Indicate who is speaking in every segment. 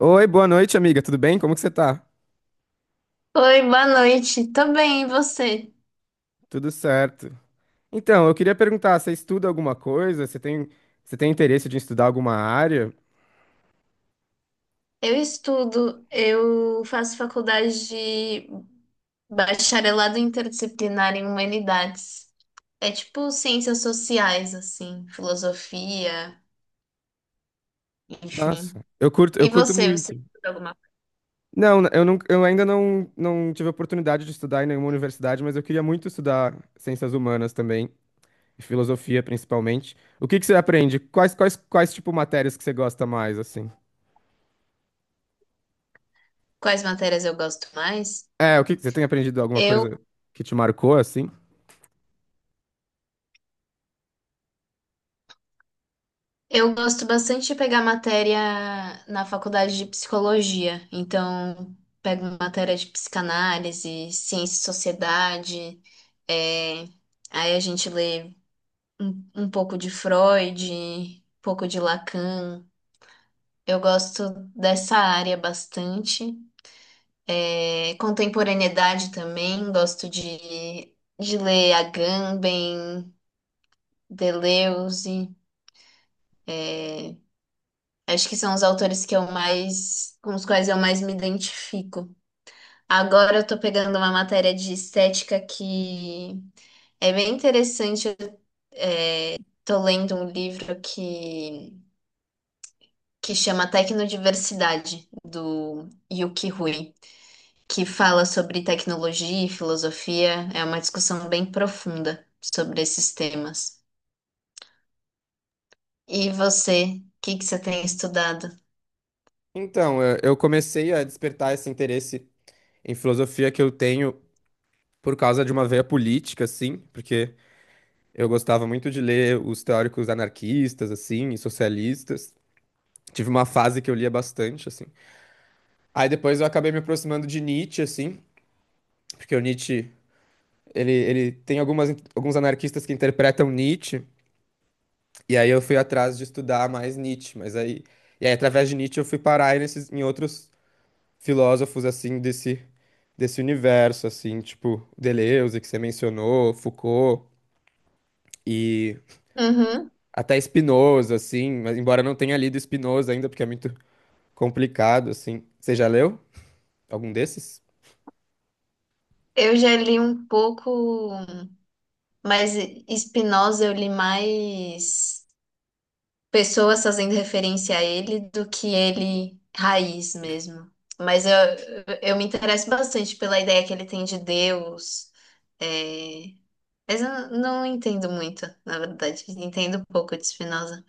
Speaker 1: Oi, boa noite, amiga. Tudo bem? Como que você tá?
Speaker 2: Oi, boa noite. Tô bem, e você?
Speaker 1: Tudo certo. Então, eu queria perguntar, você estuda alguma coisa? Você tem interesse de estudar alguma área?
Speaker 2: Eu estudo, eu faço faculdade de bacharelado interdisciplinar em humanidades. É tipo ciências sociais, assim, filosofia, enfim.
Speaker 1: Nossa, eu
Speaker 2: E
Speaker 1: curto
Speaker 2: você, você
Speaker 1: muito.
Speaker 2: estuda alguma?
Speaker 1: Não, eu não, eu ainda não, não tive a oportunidade de estudar em nenhuma universidade, mas eu queria muito estudar ciências humanas também, e filosofia principalmente. O que que você aprende? Quais tipo matérias que você gosta mais, assim?
Speaker 2: Quais matérias eu gosto mais?
Speaker 1: É, o que que você tem aprendido alguma
Speaker 2: eu
Speaker 1: coisa que te marcou, assim?
Speaker 2: Eu gosto bastante de pegar matéria na faculdade de psicologia, então pego matéria de psicanálise, ciência e sociedade, é, aí a gente lê um pouco de Freud, um pouco de Lacan. Eu gosto dessa área bastante. É, contemporaneidade também, gosto de ler Agamben, Deleuze. Acho que são os autores que eu mais, com os quais eu mais me identifico. Agora eu tô pegando uma matéria de estética que é bem interessante. Eu tô lendo um livro que chama Tecnodiversidade, do Yuki Hui, que fala sobre tecnologia e filosofia. É uma discussão bem profunda sobre esses temas. E você, o que que você tem estudado?
Speaker 1: Então, eu comecei a despertar esse interesse em filosofia que eu tenho por causa de uma veia política, assim, porque eu gostava muito de ler os teóricos anarquistas, assim, e socialistas. Tive uma fase que eu lia bastante, assim. Aí depois eu acabei me aproximando de Nietzsche, assim, porque o Nietzsche, ele tem algumas, alguns anarquistas que interpretam Nietzsche, e aí eu fui atrás de estudar mais Nietzsche, mas aí... E aí, através de Nietzsche, eu fui parar aí nesses, em outros filósofos, assim, desse universo, assim, tipo Deleuze, que você mencionou, Foucault, e
Speaker 2: Uhum.
Speaker 1: até Spinoza, assim, mas embora eu não tenha lido Spinoza ainda, porque é muito complicado, assim. Você já leu algum desses?
Speaker 2: Eu já li um pouco, mas Spinoza eu li mais. Pessoas fazendo referência a ele do que ele raiz mesmo. Mas eu, eu me interesso bastante pela ideia que ele tem de Deus. é, Mas eu não entendo muito, na verdade. Entendo um pouco de Spinoza.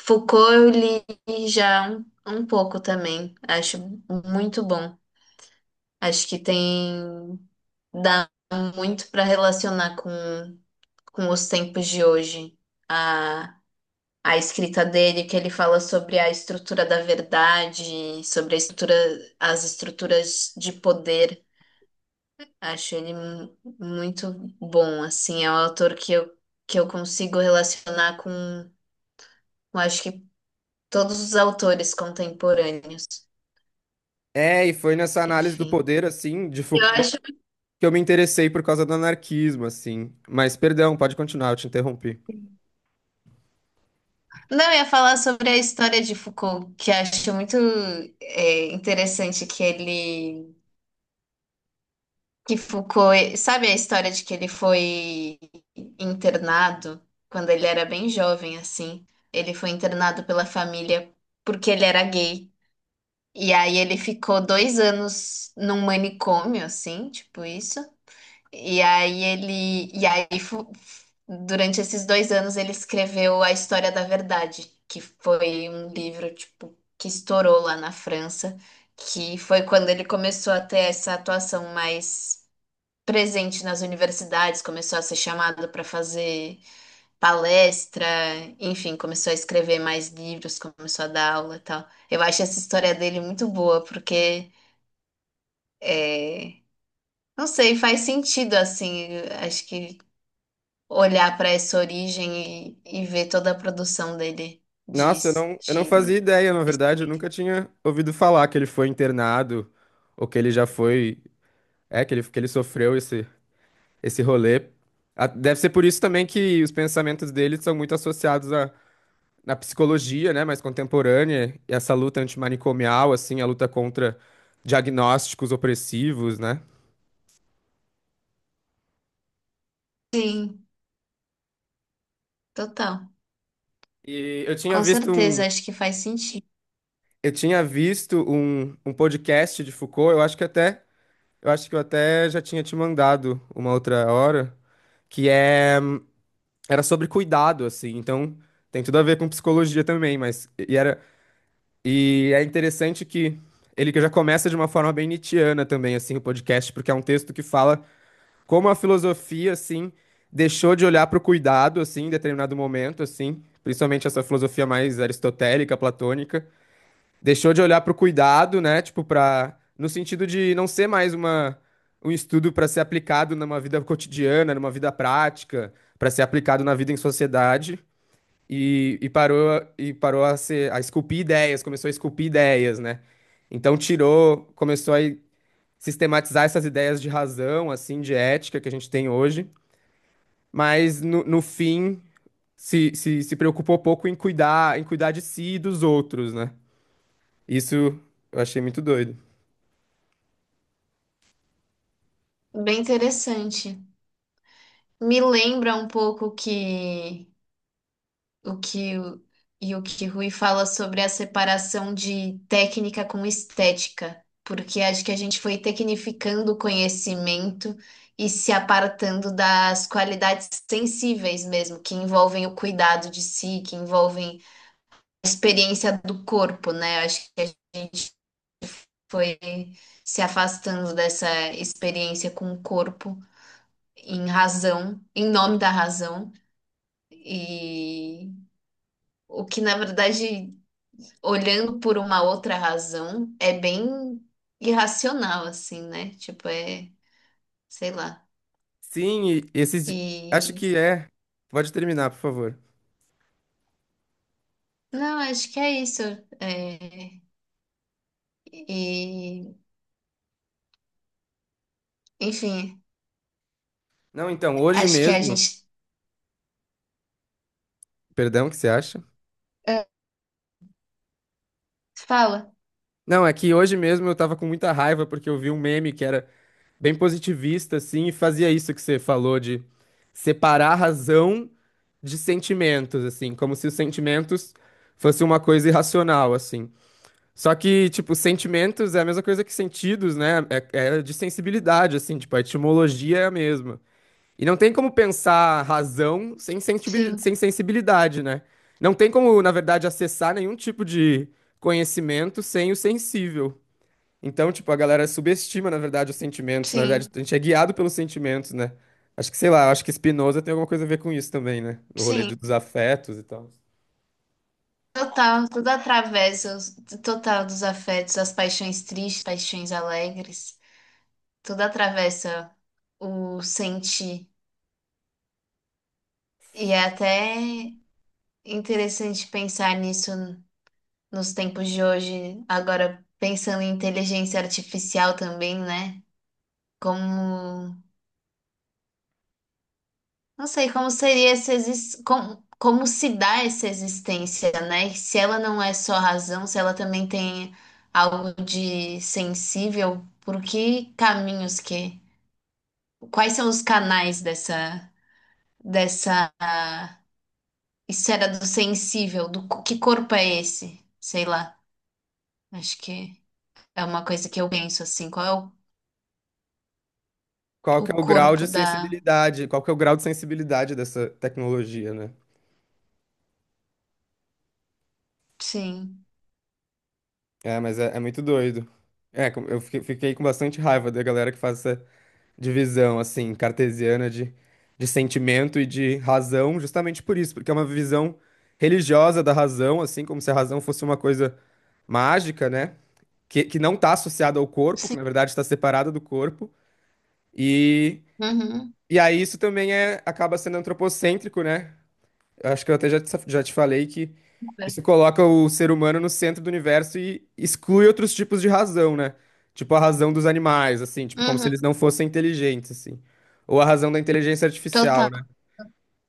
Speaker 2: Foucault eu li já um pouco também. Acho muito bom. Acho que tem... Dá muito para relacionar com os tempos de hoje a escrita dele, que ele fala sobre a estrutura da verdade, sobre a estrutura, as estruturas de poder. Acho ele muito bom, assim, é um autor que eu consigo relacionar com, acho que, todos os autores contemporâneos,
Speaker 1: É, e foi nessa análise do
Speaker 2: enfim.
Speaker 1: poder, assim, de
Speaker 2: Eu
Speaker 1: Foucault,
Speaker 2: acho.
Speaker 1: que eu me interessei por causa do anarquismo, assim. Mas, perdão, pode continuar, eu te interrompi.
Speaker 2: Não, eu ia falar sobre a história de Foucault, que acho muito, interessante que Foucault, sabe a história de que ele foi internado quando ele era bem jovem, assim? Ele foi internado pela família porque ele era gay. E aí ele ficou dois anos num manicômio, assim, tipo isso. E aí ele. E aí, durante esses dois anos, ele escreveu A História da Verdade, que foi um livro, tipo, que estourou lá na França, que foi quando ele começou a ter essa atuação mais presente nas universidades, começou a ser chamado para fazer palestra, enfim, começou a escrever mais livros, começou a dar aula e tal. Eu acho essa história dele muito boa, porque, é, não sei, faz sentido, assim, acho que olhar para essa origem e ver toda a produção dele de,
Speaker 1: Nossa, eu não
Speaker 2: de...
Speaker 1: fazia ideia, na verdade, eu nunca tinha ouvido falar que ele foi internado, ou que ele já foi, é, que ele sofreu esse, esse rolê. Ah, deve ser por isso também que os pensamentos dele são muito associados na psicologia, né, mais contemporânea, essa luta antimanicomial, assim, a luta contra diagnósticos opressivos, né?
Speaker 2: Sim, total.
Speaker 1: E
Speaker 2: Com certeza, acho que faz sentido.
Speaker 1: eu tinha visto um, um podcast de Foucault, eu acho que até, eu acho que eu até já tinha te mandado uma outra hora, que é, era sobre cuidado, assim, então tem tudo a ver com psicologia também, mas, e era, e é interessante que ele que já começa de uma forma bem nietzschiana também, assim, o podcast, porque é um texto que fala como a filosofia, assim, deixou de olhar para o cuidado, assim, em determinado momento, assim, principalmente essa filosofia mais aristotélica, platônica, deixou de olhar para o cuidado, né, tipo, para, no sentido de não ser mais uma, um estudo para ser aplicado numa vida cotidiana, numa vida prática, para ser aplicado na vida em sociedade, e, e parou a ser, a esculpir ideias, começou a esculpir ideias, né, então tirou, começou a sistematizar essas ideias de razão, assim, de ética que a gente tem hoje, mas no, no fim se preocupou pouco em cuidar de si e dos outros, né? Isso eu achei muito doido.
Speaker 2: Bem interessante. Me lembra um pouco que o que o, e o que Rui fala sobre a separação de técnica com estética, porque acho que a gente foi tecnificando o conhecimento e se apartando das qualidades sensíveis mesmo, que envolvem o cuidado de si, que envolvem a experiência do corpo, né? Acho que a gente foi se afastando dessa experiência com o corpo em razão, em nome da razão. E o que, na verdade, olhando por uma outra razão, é bem irracional, assim, né? Tipo, é, sei lá.
Speaker 1: Sim, e esses. Acho
Speaker 2: E
Speaker 1: que é. Pode terminar, por favor.
Speaker 2: não, acho que é isso. É, e, enfim,
Speaker 1: Não, então, hoje
Speaker 2: acho que a
Speaker 1: mesmo.
Speaker 2: gente,
Speaker 1: Perdão, o que você acha?
Speaker 2: é, fala.
Speaker 1: Não, é que hoje mesmo eu tava com muita raiva porque eu vi um meme que era bem positivista, assim, e fazia isso que você falou de separar razão de sentimentos, assim, como se os sentimentos fosse uma coisa irracional, assim. Só que, tipo, sentimentos é a mesma coisa que sentidos, né? É, é de sensibilidade, assim, tipo, a etimologia é a mesma. E não tem como pensar razão
Speaker 2: Sim,
Speaker 1: sem sensibilidade, né? Não tem como, na verdade, acessar nenhum tipo de conhecimento sem o sensível. Então, tipo, a galera subestima, na verdade, os sentimentos. Na verdade,
Speaker 2: sim,
Speaker 1: a gente é guiado pelos sentimentos, né? Acho que, sei lá, acho que Spinoza tem alguma coisa a ver com isso também, né? O rolê
Speaker 2: sim.
Speaker 1: dos afetos e tal.
Speaker 2: Total, tudo atravessa, total dos afetos, as paixões tristes, paixões alegres, tudo atravessa o sentir. E é até interessante pensar nisso nos tempos de hoje, agora pensando em inteligência artificial também, né? Como, não sei, como seria essa como, como se dá essa existência, né? E se ela não é só razão, se ela também tem algo de sensível, por que caminhos quais são os canais dessa esfera do sensível, do que corpo é esse? Sei lá. Acho que é uma coisa que eu penso assim, qual é
Speaker 1: Qual
Speaker 2: o
Speaker 1: que é o grau de
Speaker 2: corpo da.
Speaker 1: sensibilidade? Qual que é o grau de sensibilidade dessa tecnologia, né?
Speaker 2: Sim,
Speaker 1: É, é muito doido. É, eu fiquei com bastante raiva da galera que faz essa divisão, assim, cartesiana de sentimento e de razão, justamente por isso, porque é uma visão religiosa da razão, assim, como se a razão fosse uma coisa mágica, né? Que não está associada ao corpo, que
Speaker 2: sim.
Speaker 1: na verdade está separada do corpo. E,
Speaker 2: Uhum.
Speaker 1: e aí isso também é, acaba sendo antropocêntrico, né? Eu acho que eu já te falei que isso coloca o ser humano no centro do universo e exclui outros tipos de razão, né? Tipo a razão dos animais, assim, tipo, como se eles
Speaker 2: Uhum.
Speaker 1: não fossem inteligentes, assim. Ou a razão da inteligência artificial,
Speaker 2: Total.
Speaker 1: né?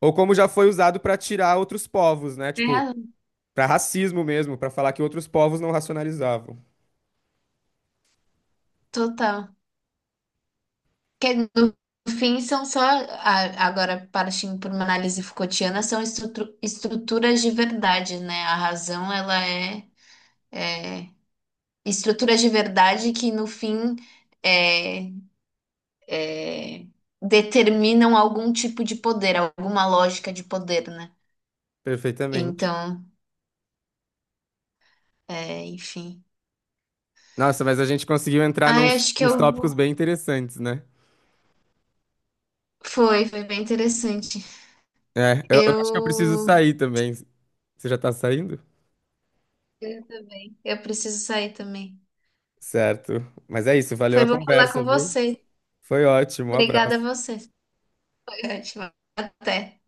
Speaker 1: Ou como já foi usado para tirar outros povos, né?
Speaker 2: Tem
Speaker 1: Tipo,
Speaker 2: razão.
Speaker 1: para racismo mesmo, para falar que outros povos não racionalizavam.
Speaker 2: Total. Que no fim são só, agora partindo para uma análise Foucaultiana, são estruturas de verdade, né? A razão, ela é estruturas de verdade que no fim, é, é, determinam algum tipo de poder, alguma lógica de poder, né?
Speaker 1: Perfeitamente.
Speaker 2: Então, é, enfim.
Speaker 1: Nossa, mas a gente conseguiu entrar
Speaker 2: Ai, acho que
Speaker 1: nos
Speaker 2: eu...
Speaker 1: tópicos bem interessantes, né?
Speaker 2: Foi bem interessante.
Speaker 1: É, eu acho que eu preciso
Speaker 2: Eu...
Speaker 1: sair também. Você já tá saindo?
Speaker 2: Eu também. Eu preciso sair também.
Speaker 1: Certo. Mas é isso, valeu
Speaker 2: Foi
Speaker 1: a
Speaker 2: bom falar
Speaker 1: conversa,
Speaker 2: com
Speaker 1: viu?
Speaker 2: você.
Speaker 1: Foi ótimo, um
Speaker 2: Obrigada a
Speaker 1: abraço.
Speaker 2: você. Foi ótimo. Até.